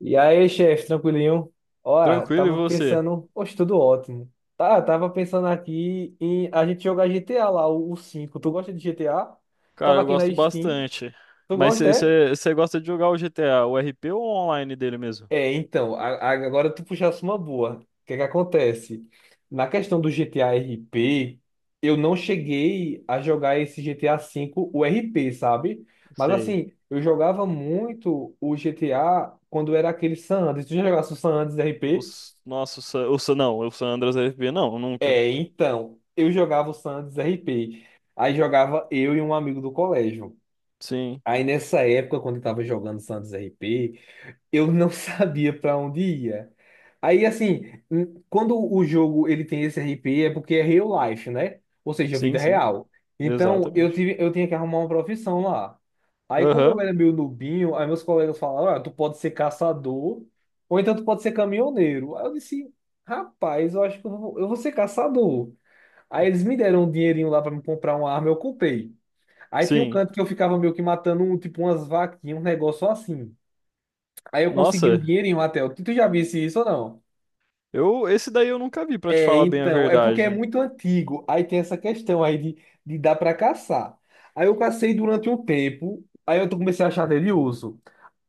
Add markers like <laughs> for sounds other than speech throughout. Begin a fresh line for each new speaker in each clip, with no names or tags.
E aí, chefe, tranquilinho? Ó,
Tranquilo, e
tava
você?
pensando, poxa, tudo ótimo. Tá, tava pensando aqui em a gente jogar GTA lá, o 5. Tu gosta de GTA?
Cara,
Tava
eu
aqui na
gosto
Steam.
bastante.
Tu
Mas
gosta, é?
você gosta de jogar o GTA, o RP ou o online dele mesmo?
É, então, agora tu puxasse uma boa. O que que acontece? Na questão do GTA RP, eu não cheguei a jogar esse GTA V, o RP, sabe? Mas
Sei.
assim, eu jogava muito o GTA quando era aquele San Andreas. Tu já jogasse o San Andreas RP?
Os nossos. Não, o San Andreas RP, não, nunca.
É, então, eu jogava o Santos RP. Aí jogava eu e um amigo do colégio.
Sim,
Aí nessa época, quando eu tava jogando Santos RP, eu não <laughs> sabia para onde ia. Aí assim, quando o jogo ele tem esse RP é porque é real life, né? Ou seja,
sim,
vida
sim.
real. Então,
Exatamente.
eu tinha que arrumar uma profissão lá. Aí como
Aham.
eu era meio nubinho, aí meus colegas falaram, olha, tu pode ser caçador, ou então tu pode ser caminhoneiro. Aí eu disse, rapaz, eu acho que eu vou ser caçador. Aí eles me deram um dinheirinho lá pra me comprar uma arma, eu comprei. Aí tinha um
Sim.
canto que eu ficava meio que matando, um, tipo, umas vaquinhas, um negócio assim. Aí eu consegui um
Nossa,
dinheirinho até. Tu já visse isso ou não?
eu esse daí eu nunca vi, pra te
É,
falar bem a
então, é porque é
verdade.
muito antigo. Aí tem essa questão aí de, dar pra caçar. Aí eu cacei durante um tempo, aí eu comecei a achar delioso.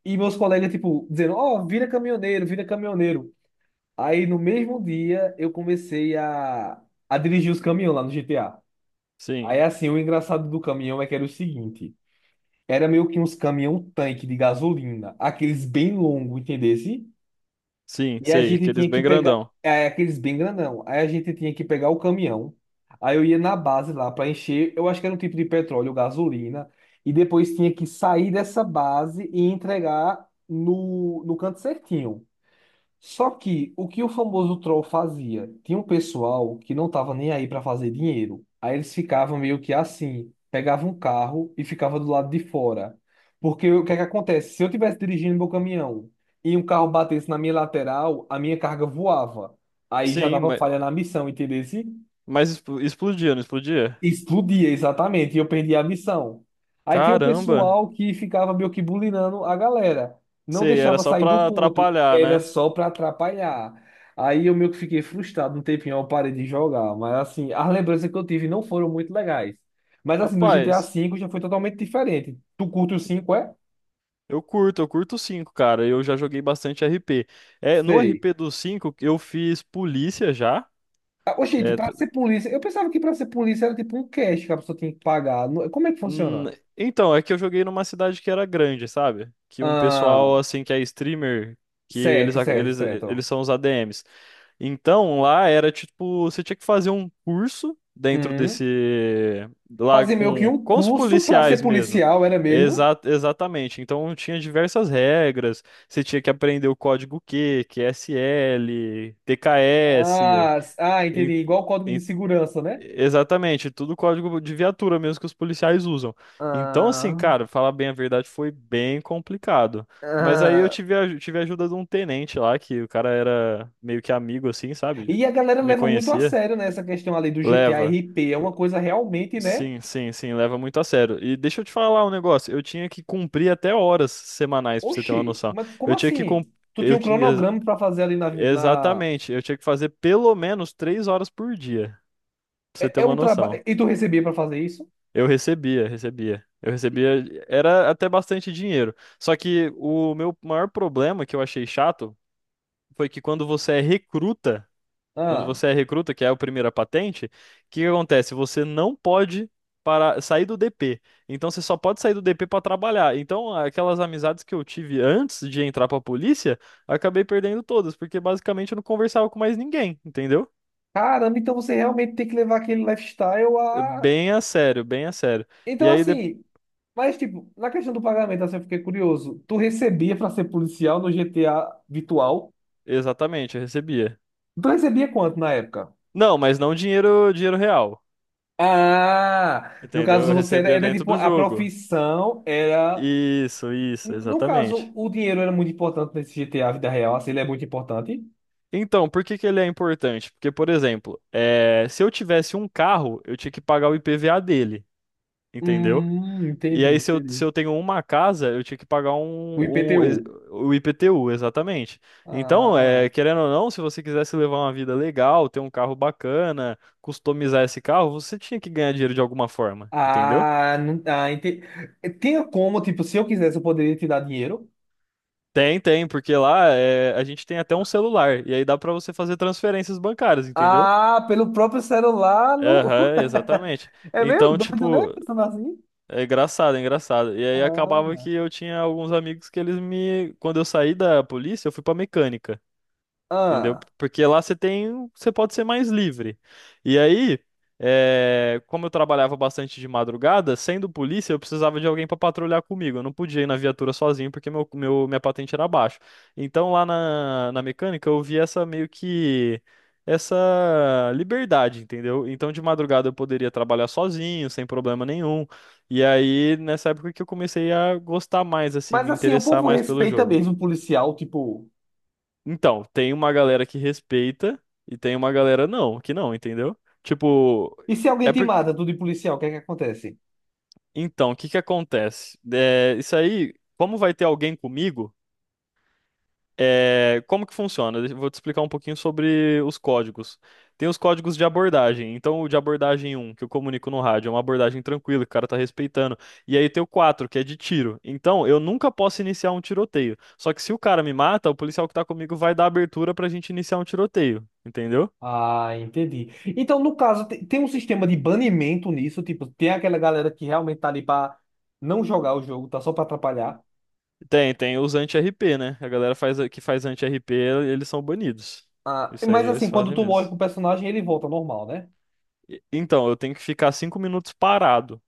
E meus colegas, tipo, dizendo, ó, vira caminhoneiro, vira caminhoneiro. Aí no mesmo dia eu comecei a dirigir os caminhões lá no GTA.
Sim,
Aí, assim, o engraçado do caminhão é que era o seguinte: era meio que uns caminhão-tanque de gasolina, aqueles bem longos, entendesse?
sim,
E a
sei,
gente
aqueles
tinha que
bem
pegar,
grandão.
é, aqueles bem grandão. Aí a gente tinha que pegar o caminhão. Aí eu ia na base lá para encher, eu acho que era um tipo de petróleo, gasolina. E depois tinha que sair dessa base e entregar no canto certinho. Só que o famoso troll fazia? Tinha um pessoal que não tava nem aí para fazer dinheiro. Aí eles ficavam meio que assim, pegavam um carro e ficava do lado de fora. Porque o que é que acontece? Se eu tivesse dirigindo meu caminhão e um carro batesse na minha lateral, a minha carga voava. Aí já
Sim,
dava
mas,
falha na missão, entendeu?
mas explodia, não explodia?
Explodia, exatamente, e eu perdi a missão. Aí tinha um
Caramba.
pessoal que ficava meio que bulinando a galera. Não
Sei, era
deixava
só
sair do
pra
ponto,
atrapalhar,
era
né?
só pra atrapalhar. Aí eu meio que fiquei frustrado, um tempinho eu parei de jogar. Mas assim, as lembranças que eu tive não foram muito legais. Mas assim, no GTA
Rapaz.
V já foi totalmente diferente. Tu curte o 5 é?
Eu curto o 5, cara. Eu já joguei bastante RP. É, no
Sei.
RP do 5, eu fiz polícia já.
Ah, ô, gente,
É,
pra ser polícia, eu pensava que pra ser polícia era tipo um cash que a pessoa tinha que pagar. Como é que
Hum,
funciona?
então, é que eu joguei numa cidade que era grande, sabe? Que um
Ah,
pessoal, assim, que é streamer, que eles,
certo, certo,
eles, eles
certo.
são os ADMs. Então, lá era tipo, você tinha que fazer um curso dentro desse. Lá
Fazer meio que
com,
um
com os
curso para ser
policiais mesmo.
policial, era mesmo?
Exatamente. Então, tinha diversas regras. Você tinha que aprender o código Q, QSL, TKS.
Ah, ah, entendi.
En-
Igual o código de segurança, né?
Exatamente, tudo código de viatura mesmo que os policiais usam. Então,
Ah,
assim, cara, falar bem a verdade foi bem complicado. Mas aí eu
ah.
tive a ajuda de um tenente lá, que o cara era meio que amigo, assim, sabe?
E a galera
Me
leva muito a
conhecia.
sério, né, essa questão ali do GTA
Leva.
RP. É uma coisa realmente, né?
Sim, sim, sim, leva muito a sério. E deixa eu te falar um negócio, eu tinha que cumprir até horas semanais, pra você ter uma
Oxi,
noção.
mas como
Eu tinha que cum-
assim? Tu tinha
eu
um
tinha,
cronograma para fazer ali na...
exatamente, eu tinha que fazer pelo menos 3 horas por dia, pra você ter
é,
uma
um trabalho.
noção.
E tu recebia para fazer isso?
Eu recebia, recebia. Eu recebia, era até bastante dinheiro. Só que o meu maior problema que eu achei chato foi que quando você é recruta, quando
Ah,
você é recruta, que é a primeira patente, o que que acontece? Você não pode para sair do DP. Então você só pode sair do DP para trabalhar. Então aquelas amizades que eu tive antes de entrar para a polícia, acabei perdendo todas, porque basicamente eu não conversava com mais ninguém, entendeu?
caramba, então você realmente tem que levar aquele lifestyle a.
Bem a sério, bem a sério. E
Então,
aí de-
assim. Mas, tipo, na questão do pagamento, assim, eu fiquei curioso. Tu recebia pra ser policial no GTA virtual?
Exatamente, eu recebia.
Tu recebia quanto na época?
Não, mas não dinheiro, dinheiro real,
Ah, no
entendeu?
caso
Eu
você era,
recebia
era
dentro
tipo,
do
a
jogo.
profissão era.
Isso,
No caso,
exatamente.
o dinheiro era muito importante nesse GTA vida real, assim, ele é muito importante.
Então, por que que ele é importante? Porque, por exemplo, é, se eu tivesse um carro, eu tinha que pagar o IPVA dele, entendeu? E
Entendi,
aí, se eu, se
entendi.
eu tenho uma casa, eu tinha que pagar
O IPTU.
o IPTU, exatamente. Então, é,
Ah,
querendo ou não, se você quisesse levar uma vida legal, ter um carro bacana, customizar esse carro, você tinha que ganhar dinheiro de alguma forma, entendeu?
ah, não, ah, entendi. Tinha como, tipo, se eu quisesse, eu poderia te dar dinheiro?
Tem, tem, porque lá é, a gente tem até um celular, e aí dá pra você fazer transferências bancárias, entendeu?
Ah, pelo próprio celular no... <laughs>
Aham, exatamente.
É meio
Então,
doido, né?
tipo,
Pensando assim.
é engraçado, é engraçado. E aí acabava
Ah,
que eu tinha alguns amigos que eles me. Quando eu saí da polícia, eu fui pra mecânica, entendeu?
ah.
Porque lá você pode ser mais livre. E aí, é, como eu trabalhava bastante de madrugada, sendo polícia, eu precisava de alguém para patrulhar comigo. Eu não podia ir na viatura sozinho porque minha patente era baixa. Então lá na mecânica eu vi essa meio que essa liberdade, entendeu? Então de madrugada eu poderia trabalhar sozinho, sem problema nenhum. E aí nessa época que eu comecei a gostar mais assim,
Mas
me
assim, o
interessar
povo
mais pelo
respeita
jogo.
mesmo o policial, tipo.
Então, tem uma galera que respeita e tem uma galera não, que não, entendeu? Tipo,
E se alguém
é
te
por...
mata, tu de policial, o que é que acontece?
então, o que que acontece? É, isso aí, como vai ter alguém comigo, é, como que funciona? Eu vou te explicar um pouquinho sobre os códigos. Tem os códigos de abordagem. Então, o de abordagem um que eu comunico no rádio, é uma abordagem tranquila, que o cara tá respeitando. E aí tem o 4 que é de tiro. Então, eu nunca posso iniciar um tiroteio. Só que se o cara me mata, o policial que tá comigo vai dar abertura pra gente iniciar um tiroteio, entendeu?
Ah, entendi. Então, no caso, tem um sistema de banimento nisso, tipo, tem aquela galera que realmente tá ali pra não jogar o jogo, tá só pra atrapalhar.
Tem, tem os anti-RP, né? A galera que faz anti-RP, eles são banidos.
Ah,
Isso aí
mas assim,
eles
quando
fazem
tu
mesmo.
morre com o personagem, ele volta ao normal, né?
Então, eu tenho que ficar 5 minutos parado,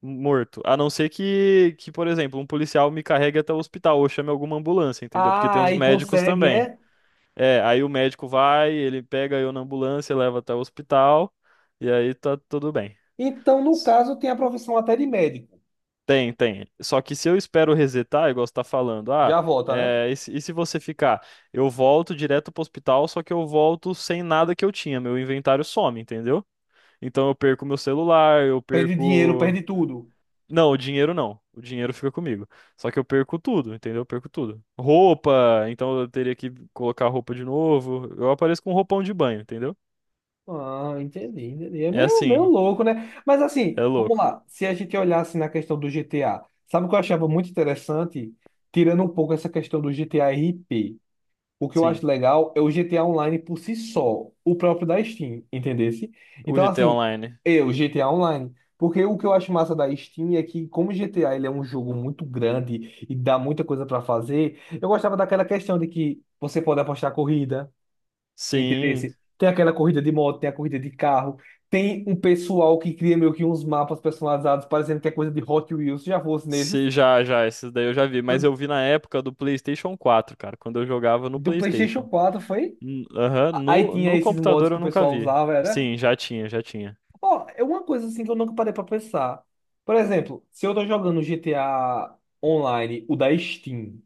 morto. A não ser que, por exemplo, um policial me carregue até o hospital ou chame alguma ambulância, entendeu? Porque tem
Ah,
os
aí
médicos
consegue,
também.
é?
É, aí o médico vai, ele pega eu na ambulância, leva até o hospital, e aí tá tudo bem.
Então, no caso, tem a profissão até de médico.
Tem, tem. Só que se eu espero resetar, igual você tá falando,
Já volta, né?
é, e se você ficar? Eu volto direto pro hospital, só que eu volto sem nada que eu tinha, meu inventário some, entendeu? Então eu perco meu celular, eu
Perde dinheiro,
perco.
perde tudo.
Não, o dinheiro não. O dinheiro fica comigo. Só que eu perco tudo, entendeu? Eu perco tudo. Roupa, então eu teria que colocar roupa de novo. Eu apareço com um roupão de banho, entendeu?
Ah, entendi, entendi. É
É
meio, meio
assim,
louco, né? Mas assim,
é
vamos
louco.
lá. Se a gente olhasse na questão do GTA, sabe o que eu achava muito interessante? Tirando um pouco essa questão do GTA RP. O que eu
Sim.
acho legal é o GTA Online por si só, o próprio da Steam, entendesse?
O
Então,
GTA
assim,
Online.
eu, GTA Online. Porque o que eu acho massa da Steam é que, como o GTA ele é um jogo muito grande e dá muita coisa para fazer, eu gostava daquela questão de que você pode apostar corrida.
Sim,
Entendesse? Tem aquela corrida de moto, tem a corrida de carro, tem um pessoal que cria meio que uns mapas personalizados, parecendo que é coisa de Hot Wheels, já fosse nesses.
Se, já, esses daí eu já vi, mas
Do,
eu vi na época do PlayStation 4, cara, quando eu jogava no
do PlayStation
PlayStation.
4, foi?
Aham,
Aí
no,
tinha
no
esses mods
computador
que
eu
o
nunca
pessoal
vi.
usava, era.
Sim, já tinha, já tinha.
Ó, é uma coisa assim que eu nunca parei pra pensar. Por exemplo, se eu tô jogando GTA Online, o da Steam,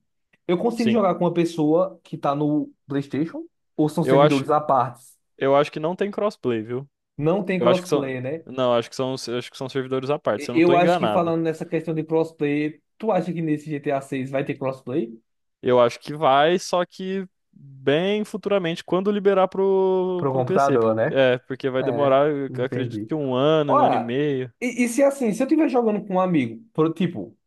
eu consigo
Sim.
jogar com uma pessoa que tá no PlayStation? Ou são
Eu acho,
servidores à parte?
eu acho que não tem crossplay, viu?
Não tem
Eu acho que são,
crossplay, né?
não, acho que são servidores à parte, se eu não tô
Eu acho que
enganado.
falando nessa questão de crossplay, tu acha que nesse GTA 6 vai ter crossplay?
Eu acho que vai, só que bem futuramente, quando liberar pro,
Pro
pro PC.
computador, né?
É, porque vai
É,
demorar, eu acredito
entendi.
que um ano e
Olha,
meio.
e se assim, se eu estiver jogando com um amigo, por, tipo,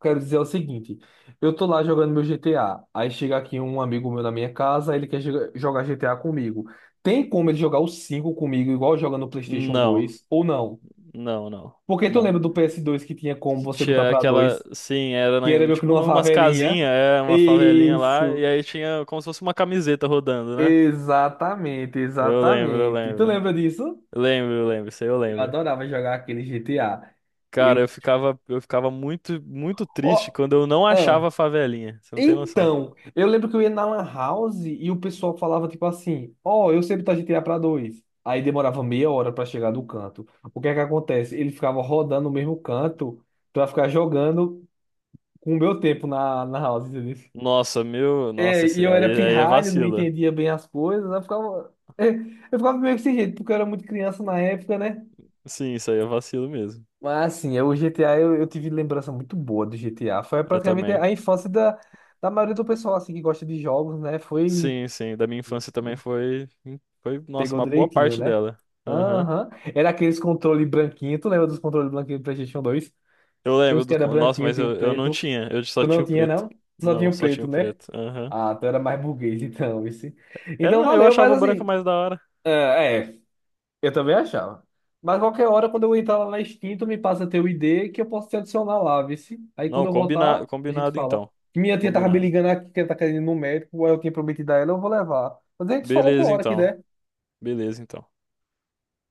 quero dizer o seguinte, eu tô lá jogando meu GTA, aí chega aqui um amigo meu na minha casa, ele quer jogar GTA comigo. Tem como ele jogar o 5 comigo, igual joga no PlayStation
Não,
2, ou não?
não, não,
Porque tu lembra
não.
do PS2 que tinha como
Que
você botar
tinha
pra
aquela,
dois,
sim, era
que era meio que
tipo
numa
numas
favelinha?
casinhas, é uma favelinha lá,
Isso.
e aí tinha como se fosse uma camiseta rodando, né?
Exatamente,
Eu lembro, eu
exatamente. Tu
lembro.
lembra disso?
Lembro, eu lembro, isso aí eu
Eu
lembro.
adorava jogar aquele GTA.
Cara,
Eu.
eu ficava muito, muito triste
Ó,
quando eu não
ah,
achava a favelinha. Você não tem noção.
então, eu lembro que eu ia na Lan House e o pessoal falava tipo assim: ó, eu sei botar GTA pra dois. Aí demorava meia hora pra chegar do canto. O que é que acontece? Ele ficava rodando o mesmo canto pra ficar jogando com o meu tempo na House, entendeu?
Nossa, meu, nossa,
É,
esse,
e eu era
aí, aí é
pirralho, não
vacilo.
entendia bem as coisas, eu ficava, <laughs> eu ficava meio que sem jeito, porque eu era muito criança na época, né?
Sim, isso aí é vacilo mesmo.
Mas assim, o GTA eu tive lembrança muito boa do GTA. Foi
Eu
praticamente
também.
a infância da, maioria do pessoal assim que gosta de jogos, né? Foi
Sim, sim, da minha infância também foi, nossa,
pegou
uma boa
direitinho,
parte
né?
dela. Aham.
Aham. Era aqueles controle branquinho. Tu lembra dos controles branquinhos do PlayStation 2?
Eu
Tinha uns
lembro
que
do.
era
Nossa,
branquinho,
mas
tinha o
eu não
preto.
tinha. Eu só
Tu não
tinha o
tinha,
preto.
não? Tu só tinha
Não,
o
só tinha
preto,
o
né?
preto. Aham.
Ah, tu era mais burguês <laughs> então, esse. Então
Eu
valeu. Mas
achava o branco
assim,
mais da hora.
é, é, Eu também achava. Mas qualquer hora, quando eu entrar lá na Steam, tu me passa teu ID que eu posso te adicionar lá, vice. Aí quando
Não,
eu voltar, a gente
combinado
fala.
então.
Minha tia tava me
Combinado.
ligando aqui, que ela tá querendo ir no médico, aí eu tinha prometido a ela, eu vou levar. Mas a gente fala outra
Beleza
hora que
então.
der.
Beleza então.